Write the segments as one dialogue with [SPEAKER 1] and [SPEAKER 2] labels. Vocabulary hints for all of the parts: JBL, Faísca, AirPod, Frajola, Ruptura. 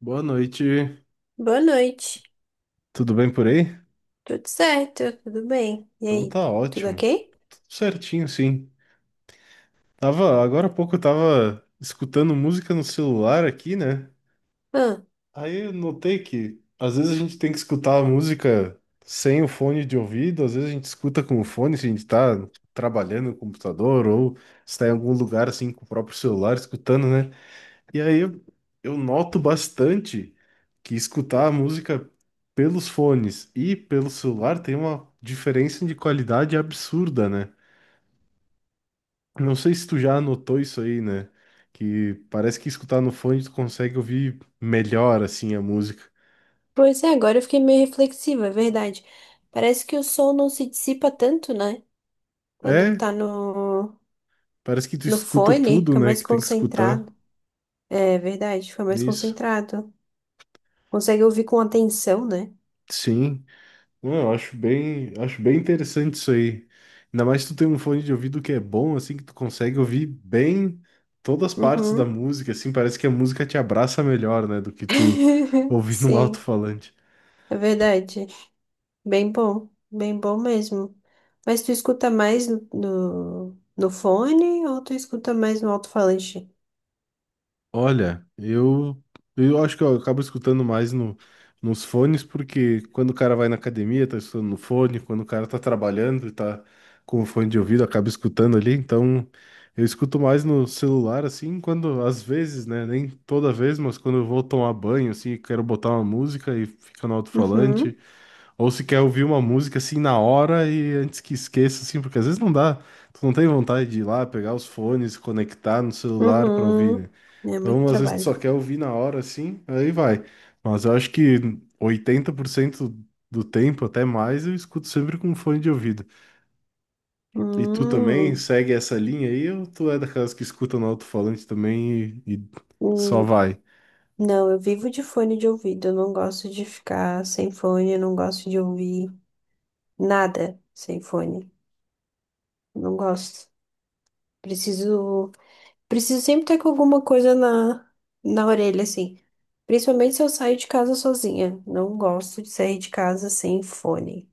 [SPEAKER 1] Boa noite,
[SPEAKER 2] Boa noite.
[SPEAKER 1] tudo bem por aí?
[SPEAKER 2] Tudo certo? Tudo bem? E
[SPEAKER 1] Então
[SPEAKER 2] aí?
[SPEAKER 1] tá
[SPEAKER 2] Tudo
[SPEAKER 1] ótimo,
[SPEAKER 2] ok?
[SPEAKER 1] tudo certinho sim. Tava, agora há pouco eu tava escutando música no celular aqui, né?
[SPEAKER 2] Ah,
[SPEAKER 1] Aí eu notei que às vezes a gente tem que escutar a música sem o fone de ouvido, às vezes a gente escuta com o fone se a gente tá trabalhando no computador ou está em algum lugar assim com o próprio celular escutando, né? E aí eu noto bastante que escutar a música pelos fones e pelo celular tem uma diferença de qualidade absurda, né? Não sei se tu já notou isso aí, né? Que parece que escutar no fone tu consegue ouvir melhor assim a música.
[SPEAKER 2] Pois é, agora eu fiquei meio reflexiva, é verdade. Parece que o som não se dissipa tanto, né? Quando
[SPEAKER 1] É,
[SPEAKER 2] tá no,
[SPEAKER 1] parece que tu
[SPEAKER 2] No
[SPEAKER 1] escuta
[SPEAKER 2] fone,
[SPEAKER 1] tudo,
[SPEAKER 2] fica
[SPEAKER 1] né,
[SPEAKER 2] mais
[SPEAKER 1] que tem que escutar.
[SPEAKER 2] concentrado. É verdade, fica mais
[SPEAKER 1] Isso.
[SPEAKER 2] concentrado. Consegue ouvir com atenção, né?
[SPEAKER 1] Sim. Não, eu acho bem interessante isso aí. Ainda mais se tu tem um fone de ouvido que é bom, assim, que tu consegue ouvir bem todas as partes da
[SPEAKER 2] Uhum.
[SPEAKER 1] música, assim, parece que a música te abraça melhor, né, do que tu ouvir num
[SPEAKER 2] Sim,
[SPEAKER 1] alto-falante.
[SPEAKER 2] é verdade. Bem bom mesmo. Mas tu escuta mais no fone ou tu escuta mais no alto-falante?
[SPEAKER 1] Olha, eu acho que eu acabo escutando mais no, nos fones, porque quando o cara vai na academia, tá escutando no fone, quando o cara tá trabalhando e tá com o fone de ouvido, acaba escutando ali, então eu escuto mais no celular, assim, quando, às vezes, né, nem toda vez, mas quando eu vou tomar banho, assim, quero botar uma música e fica no
[SPEAKER 2] Uhum,
[SPEAKER 1] alto-falante, ou se quer ouvir uma música assim na hora e antes que esqueça, assim, porque às vezes não dá, tu não tem vontade de ir lá pegar os fones, conectar no celular pra ouvir, né?
[SPEAKER 2] uhum. É muito
[SPEAKER 1] Então, às vezes tu só
[SPEAKER 2] trabalho.
[SPEAKER 1] quer ouvir na hora, assim, aí vai. Mas eu acho que 80% do tempo, até mais, eu escuto sempre com fone de ouvido. E tu também
[SPEAKER 2] Hum,
[SPEAKER 1] segue essa linha aí, ou tu é daquelas que escuta no alto-falante também e só
[SPEAKER 2] hum.
[SPEAKER 1] vai?
[SPEAKER 2] Não, eu vivo de fone de ouvido. Eu não gosto de ficar sem fone. Eu não gosto de ouvir nada sem fone. Não gosto. Preciso, Preciso sempre ter com alguma coisa na orelha, assim. Principalmente se eu saio de casa sozinha. Não gosto de sair de casa sem fone.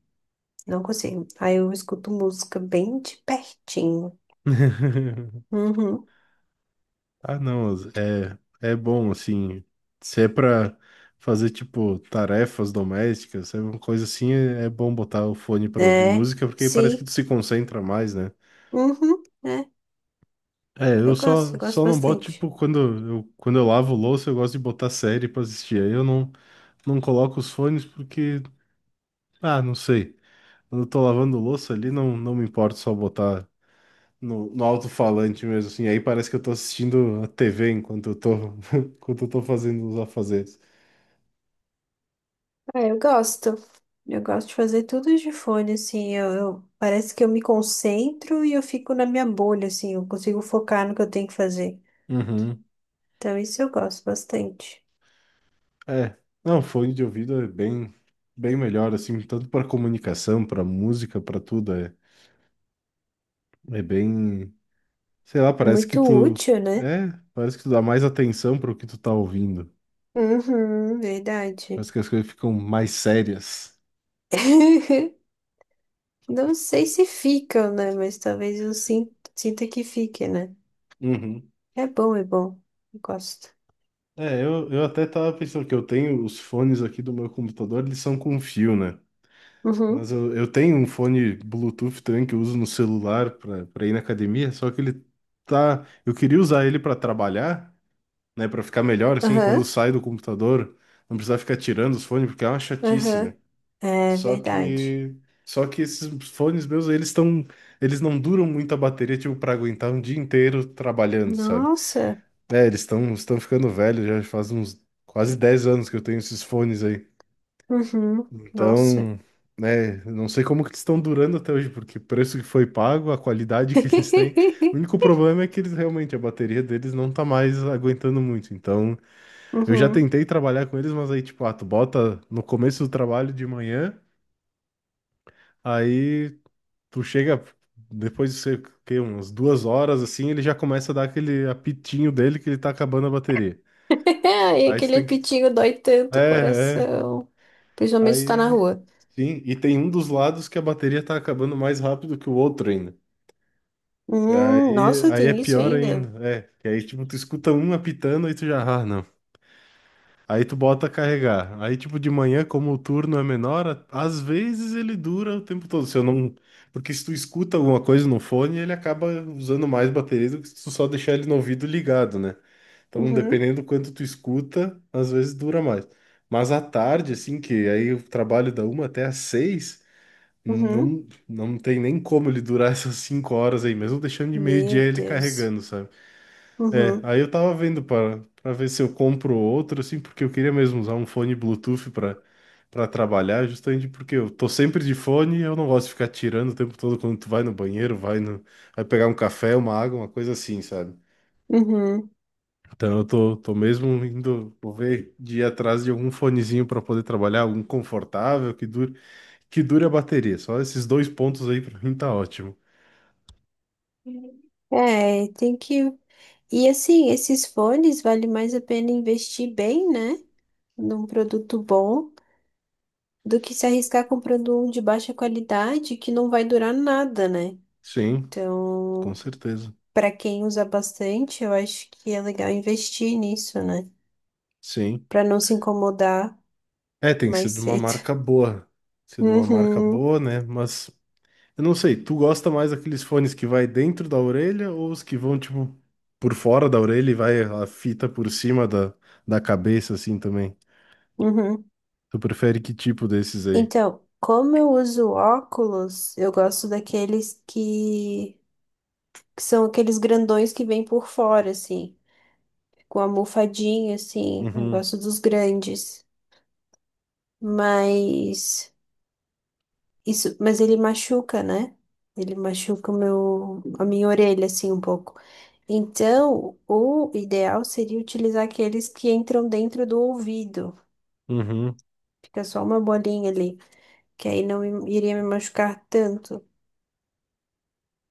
[SPEAKER 2] Não consigo. Aí eu escuto música bem de pertinho. Uhum.
[SPEAKER 1] Ah, não, é bom, assim, se é pra fazer, tipo, tarefas domésticas, se é uma coisa assim, é bom botar o fone pra ouvir
[SPEAKER 2] É,
[SPEAKER 1] música, porque aí parece que
[SPEAKER 2] sim.
[SPEAKER 1] tu se concentra mais, né?
[SPEAKER 2] Uhum. É.
[SPEAKER 1] É, eu só,
[SPEAKER 2] Eu gosto
[SPEAKER 1] só não boto,
[SPEAKER 2] bastante.
[SPEAKER 1] tipo, quando eu lavo louça, eu gosto de botar série pra assistir, aí eu não coloco os fones porque, ah, não sei, quando eu tô lavando louça ali, não me importa só botar no alto-falante mesmo, assim, aí parece que eu tô assistindo a TV enquanto eu tô, enquanto eu tô fazendo os afazeres.
[SPEAKER 2] Ah, eu gosto. Eu gosto de fazer tudo de fone, assim, parece que eu me concentro e eu fico na minha bolha, assim, eu consigo focar no que eu tenho que fazer.
[SPEAKER 1] Uhum.
[SPEAKER 2] Então, isso eu gosto bastante.
[SPEAKER 1] É, não, fone de ouvido é bem, bem melhor, assim, tanto para comunicação, para música, para tudo. É bem, sei lá,
[SPEAKER 2] É muito útil, né?
[SPEAKER 1] é, parece que tu dá mais atenção para o que tu tá ouvindo.
[SPEAKER 2] Uhum, verdade.
[SPEAKER 1] Parece que as coisas ficam mais sérias.
[SPEAKER 2] Não sei se ficam, né? Mas talvez eu sinta que fique, né?
[SPEAKER 1] Uhum.
[SPEAKER 2] É bom, é bom. Eu gosto.
[SPEAKER 1] É, eu até tava pensando que eu tenho os fones aqui do meu computador, eles são com fio, né?
[SPEAKER 2] Uhum.
[SPEAKER 1] Mas eu tenho um fone Bluetooth também que eu uso no celular para ir na academia, só que eu queria usar ele para trabalhar. Né, para ficar melhor assim, quando
[SPEAKER 2] Aham,
[SPEAKER 1] sai do computador, não precisar ficar tirando os fones porque é uma chatice,
[SPEAKER 2] aham.
[SPEAKER 1] né?
[SPEAKER 2] É
[SPEAKER 1] Só
[SPEAKER 2] verdade.
[SPEAKER 1] que só que esses fones meus, eles não duram muito a bateria, tipo, para aguentar um dia inteiro trabalhando, sabe?
[SPEAKER 2] Nossa.
[SPEAKER 1] É, eles estão ficando velhos, já faz uns quase 10 anos que eu tenho esses fones aí.
[SPEAKER 2] Uhum. Nossa.
[SPEAKER 1] Então, né, eu não sei como que eles estão durando até hoje, porque o preço que foi pago, a qualidade que eles têm, o único problema é que eles realmente, a bateria deles não tá mais aguentando muito. Então, eu já
[SPEAKER 2] Uhum.
[SPEAKER 1] tentei trabalhar com eles, mas aí, tipo, ah, tu bota no começo do trabalho de manhã, aí tu chega depois de, sei o quê, umas 2 horas, assim, ele já começa a dar aquele apitinho dele que ele tá acabando a bateria.
[SPEAKER 2] Ai,
[SPEAKER 1] Aí tu
[SPEAKER 2] aquele
[SPEAKER 1] tem que.
[SPEAKER 2] pitinho dói tanto o
[SPEAKER 1] É, é.
[SPEAKER 2] coração. Principalmente se tá na
[SPEAKER 1] Aí,
[SPEAKER 2] rua.
[SPEAKER 1] sim. E tem um dos lados que a bateria tá acabando mais rápido que o outro ainda. Aí,
[SPEAKER 2] Nossa,
[SPEAKER 1] aí é
[SPEAKER 2] tem isso
[SPEAKER 1] pior
[SPEAKER 2] ainda?
[SPEAKER 1] ainda. É. Que aí, tipo, tu escuta um apitando e tu já, ah, não. Aí tu bota carregar. Aí, tipo, de manhã, como o turno é menor, às vezes ele dura o tempo todo. Se eu não... Porque se tu escuta alguma coisa no fone, ele acaba usando mais bateria do que se tu só deixar ele no ouvido ligado, né? Então,
[SPEAKER 2] Uhum.
[SPEAKER 1] dependendo do quanto tu escuta, às vezes dura mais. Mas à tarde, assim, que aí eu trabalho da uma até às seis,
[SPEAKER 2] Uhum.
[SPEAKER 1] não tem nem como ele durar essas 5 horas aí, mesmo deixando de meio-dia
[SPEAKER 2] Meu
[SPEAKER 1] ele
[SPEAKER 2] Deus.
[SPEAKER 1] carregando, sabe? É,
[SPEAKER 2] Uhum.
[SPEAKER 1] aí eu tava vendo para ver se eu compro outro, assim, porque eu queria mesmo usar um fone Bluetooth para trabalhar, justamente porque eu tô sempre de fone e eu não gosto de ficar tirando o tempo todo quando tu vai no banheiro, vai no, vai pegar um café, uma água, uma coisa assim, sabe?
[SPEAKER 2] Uhum.
[SPEAKER 1] Então eu tô mesmo indo, vou ver, de ir atrás de algum fonezinho para poder trabalhar, algum confortável, que dure a bateria. Só esses dois pontos aí para mim tá ótimo.
[SPEAKER 2] É, tem que. E assim, esses fones vale mais a pena investir bem, né? Num produto bom, do que se arriscar comprando um de baixa qualidade que não vai durar nada, né?
[SPEAKER 1] Sim, com
[SPEAKER 2] Então.
[SPEAKER 1] certeza.
[SPEAKER 2] Para quem usa bastante, eu acho que é legal investir nisso, né?
[SPEAKER 1] Sim.
[SPEAKER 2] Para não se incomodar
[SPEAKER 1] É, tem
[SPEAKER 2] mais
[SPEAKER 1] sido uma
[SPEAKER 2] cedo.
[SPEAKER 1] marca boa. Sido uma marca
[SPEAKER 2] Uhum,
[SPEAKER 1] boa, né? Mas eu não sei, tu gosta mais daqueles fones que vai dentro da orelha ou os que vão, tipo, por fora da orelha e vai a fita por cima da cabeça, assim também?
[SPEAKER 2] uhum.
[SPEAKER 1] Tu prefere que tipo desses aí?
[SPEAKER 2] Então, como eu uso óculos, eu gosto que são aqueles grandões que vêm por fora, assim, com a almofadinha, assim. Eu
[SPEAKER 1] Uhum,
[SPEAKER 2] gosto dos grandes. Mas isso, mas ele machuca, né? Ele machuca a minha orelha, assim, um pouco. Então, o ideal seria utilizar aqueles que entram dentro do ouvido.
[SPEAKER 1] uhum,
[SPEAKER 2] Fica só uma bolinha ali, que aí não me- iria me machucar tanto.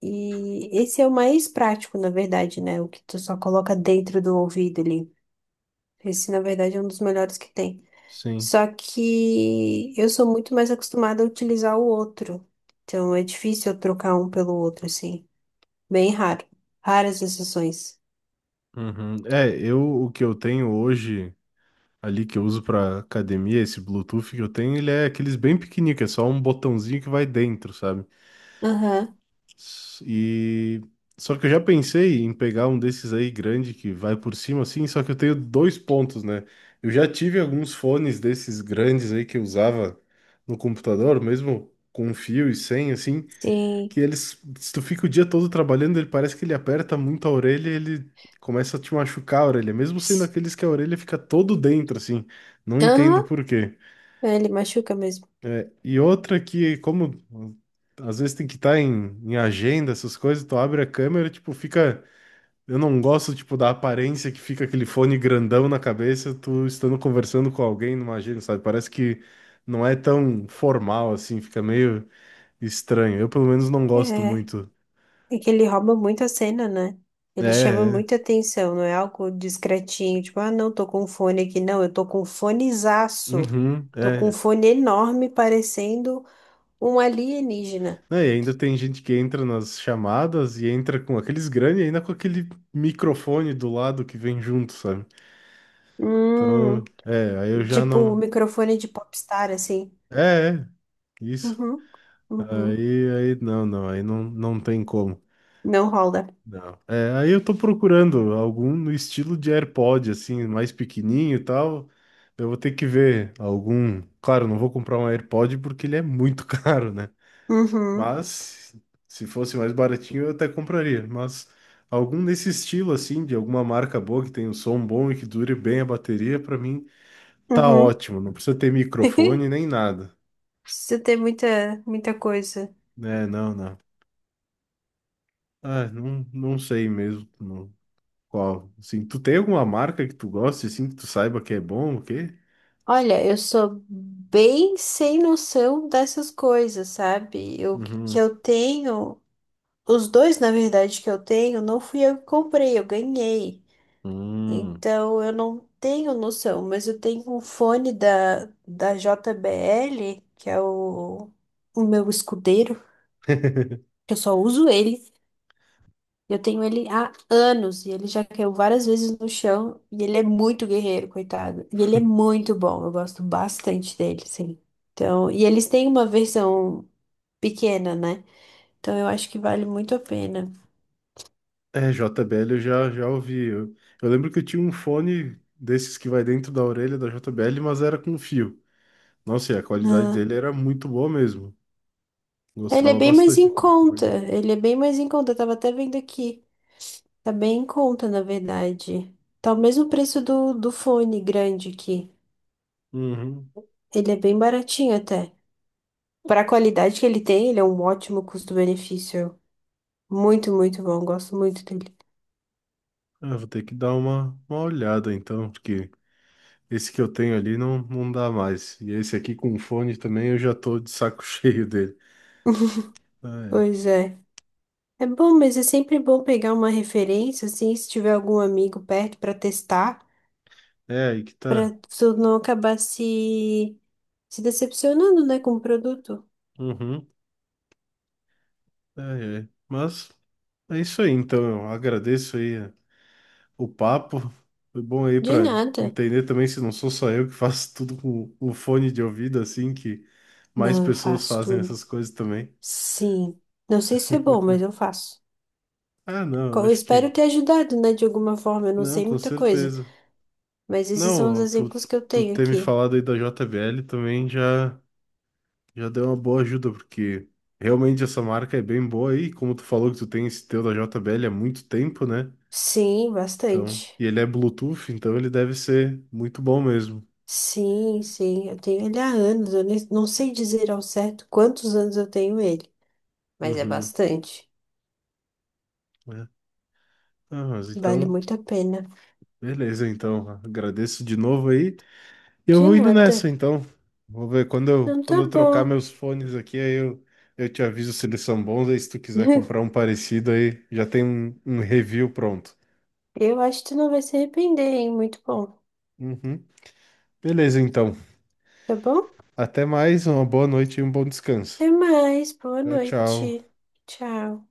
[SPEAKER 2] E esse é o mais prático, na verdade, né? O que tu só coloca dentro do ouvido ali. Esse, na verdade, é um dos melhores que tem.
[SPEAKER 1] sim.
[SPEAKER 2] Só que eu sou muito mais acostumada a utilizar o outro. Então, é difícil eu trocar um pelo outro, assim. Bem raro. Raras exceções.
[SPEAKER 1] Uhum. É, eu o que eu tenho hoje ali que eu uso pra academia, esse Bluetooth que eu tenho, ele é aqueles bem pequenininho, que é só um botãozinho que vai dentro, sabe?
[SPEAKER 2] Aham.
[SPEAKER 1] E só que eu já pensei em pegar um desses aí grande que vai por cima assim, só que eu tenho dois pontos, né? Eu já tive alguns fones desses grandes aí que eu usava no computador, mesmo com fio e sem assim,
[SPEAKER 2] Sim.
[SPEAKER 1] que eles se tu fica o dia todo trabalhando, ele parece que ele aperta muito a orelha, e ele começa a te machucar a orelha, mesmo sendo aqueles que a orelha fica todo dentro assim. Não entendo
[SPEAKER 2] Aham,
[SPEAKER 1] por quê.
[SPEAKER 2] é, ele machuca mesmo.
[SPEAKER 1] É, e outra que, como às vezes tem que estar em agenda, essas coisas, tu abre a câmera, tipo, fica. Eu não gosto, tipo, da aparência que fica aquele fone grandão na cabeça, tu estando conversando com alguém numa agenda, sabe? Parece que não é tão formal assim, fica meio estranho. Eu, pelo menos, não gosto
[SPEAKER 2] É,
[SPEAKER 1] muito.
[SPEAKER 2] é que ele rouba muito a cena, né?
[SPEAKER 1] É,
[SPEAKER 2] Ele chama muita
[SPEAKER 1] é.
[SPEAKER 2] atenção, não é algo discretinho, tipo, ah, não, tô com um fone aqui, não, eu tô com um fonezaço.
[SPEAKER 1] Uhum,
[SPEAKER 2] Tô com um
[SPEAKER 1] é.
[SPEAKER 2] fone enorme, parecendo um alienígena.
[SPEAKER 1] Não, e ainda tem gente que entra nas chamadas e entra com aqueles grandes e ainda com aquele microfone do lado que vem junto, sabe? Então,
[SPEAKER 2] Hum,
[SPEAKER 1] é, aí eu já
[SPEAKER 2] tipo o
[SPEAKER 1] não.
[SPEAKER 2] microfone de popstar, assim.
[SPEAKER 1] É, é, isso.
[SPEAKER 2] Uhum, uhum.
[SPEAKER 1] Aí, não, aí não tem como.
[SPEAKER 2] Não rola.
[SPEAKER 1] Não. É, aí eu tô procurando algum no estilo de AirPod, assim, mais pequenininho e tal. Eu vou ter que ver algum. Claro, não vou comprar um AirPod porque ele é muito caro, né?
[SPEAKER 2] Uhum,
[SPEAKER 1] Mas se fosse mais baratinho eu até compraria. Mas algum desse estilo, assim, de alguma marca boa que tenha um som bom e que dure bem a bateria, pra mim tá
[SPEAKER 2] uhum.
[SPEAKER 1] ótimo. Não precisa ter microfone nem nada.
[SPEAKER 2] Precisa ter muita, muita coisa.
[SPEAKER 1] É, não, não. Ah, não, não sei mesmo. Qual? Assim, tu tem alguma marca que tu goste, assim, que tu saiba que é bom, o quê?
[SPEAKER 2] Olha, eu sou bem sem noção dessas coisas, sabe? Eu que
[SPEAKER 1] Uhum.
[SPEAKER 2] eu tenho, Os dois, na verdade, que eu tenho, não fui eu que comprei, eu ganhei.
[SPEAKER 1] Hum.
[SPEAKER 2] Então eu não tenho noção, mas eu tenho um fone da JBL, que é o meu escudeiro, que eu só uso ele. Eu tenho ele há anos e ele já caiu várias vezes no chão e ele é muito guerreiro, coitado. E ele é muito bom, eu gosto bastante dele, sim. Então, e eles têm uma versão pequena, né? Então eu acho que vale muito a pena.
[SPEAKER 1] É, JBL eu já ouvi. Eu lembro que eu tinha um fone desses que vai dentro da orelha da JBL, mas era com fio. Nossa, e a qualidade
[SPEAKER 2] Ah,
[SPEAKER 1] dele era muito boa mesmo.
[SPEAKER 2] ele é
[SPEAKER 1] Gostava
[SPEAKER 2] bem mais
[SPEAKER 1] bastante
[SPEAKER 2] em
[SPEAKER 1] aquele
[SPEAKER 2] conta,
[SPEAKER 1] fone.
[SPEAKER 2] ele é bem mais em conta. Eu tava até vendo aqui, tá bem em conta, na verdade. Tá o mesmo preço do fone grande aqui.
[SPEAKER 1] Uhum.
[SPEAKER 2] Ele é bem baratinho até. Para a qualidade que ele tem, ele é um ótimo custo-benefício. Muito, muito bom. Gosto muito dele.
[SPEAKER 1] Ah, vou ter que dar uma olhada então, porque esse que eu tenho ali não dá mais. E esse aqui com fone também eu já tô de saco cheio dele. Ah,
[SPEAKER 2] Pois é. É bom, mas é sempre bom pegar uma referência, assim, se tiver algum amigo perto para testar,
[SPEAKER 1] é. É aí que tá.
[SPEAKER 2] para tu não acabar se decepcionando, né, com o produto.
[SPEAKER 1] Uhum. É, é. Mas é isso aí, então. Eu agradeço aí o papo. Foi bom aí
[SPEAKER 2] De
[SPEAKER 1] para
[SPEAKER 2] nada.
[SPEAKER 1] entender também se não sou só eu que faço tudo com o fone de ouvido, assim, que mais
[SPEAKER 2] Não, eu
[SPEAKER 1] pessoas
[SPEAKER 2] faço
[SPEAKER 1] fazem
[SPEAKER 2] tudo.
[SPEAKER 1] essas coisas também.
[SPEAKER 2] Sim. Não sei se é bom, mas eu faço.
[SPEAKER 1] Ah, não, eu
[SPEAKER 2] Eu
[SPEAKER 1] acho
[SPEAKER 2] espero
[SPEAKER 1] que.
[SPEAKER 2] ter ajudado, né, de alguma forma. Eu não
[SPEAKER 1] Não,
[SPEAKER 2] sei
[SPEAKER 1] com
[SPEAKER 2] muita coisa,
[SPEAKER 1] certeza.
[SPEAKER 2] mas esses são os
[SPEAKER 1] Não, tu,
[SPEAKER 2] exemplos que eu
[SPEAKER 1] tu
[SPEAKER 2] tenho
[SPEAKER 1] ter me
[SPEAKER 2] aqui.
[SPEAKER 1] falado aí da JBL também já deu uma boa ajuda, porque realmente essa marca é bem boa aí. Como tu falou que tu tem esse teu da JBL há muito tempo, né?
[SPEAKER 2] Sim,
[SPEAKER 1] Então,
[SPEAKER 2] bastante.
[SPEAKER 1] e ele é Bluetooth, então ele deve ser muito bom mesmo.
[SPEAKER 2] Sim, sim, eu tenho ele há anos. Eu não sei dizer ao certo quantos anos eu tenho ele, mas é
[SPEAKER 1] Uhum,
[SPEAKER 2] bastante.
[SPEAKER 1] né? Ah, mas
[SPEAKER 2] Vale
[SPEAKER 1] então,
[SPEAKER 2] muito a pena.
[SPEAKER 1] beleza, então. Agradeço de novo aí. E eu
[SPEAKER 2] De
[SPEAKER 1] vou indo
[SPEAKER 2] nada.
[SPEAKER 1] nessa, então. Vou ver quando eu,
[SPEAKER 2] Então
[SPEAKER 1] quando
[SPEAKER 2] tá
[SPEAKER 1] eu trocar
[SPEAKER 2] bom.
[SPEAKER 1] meus fones aqui, aí eu te aviso se eles são bons. Aí se tu quiser comprar um parecido aí, já tem um review pronto.
[SPEAKER 2] Eu acho que tu não vai se arrepender, hein? Muito bom.
[SPEAKER 1] Uhum. Beleza, então.
[SPEAKER 2] Tá bom?
[SPEAKER 1] Até mais, uma boa noite e um bom descanso.
[SPEAKER 2] Até mais. Boa
[SPEAKER 1] Tchau, tchau.
[SPEAKER 2] noite. Tchau.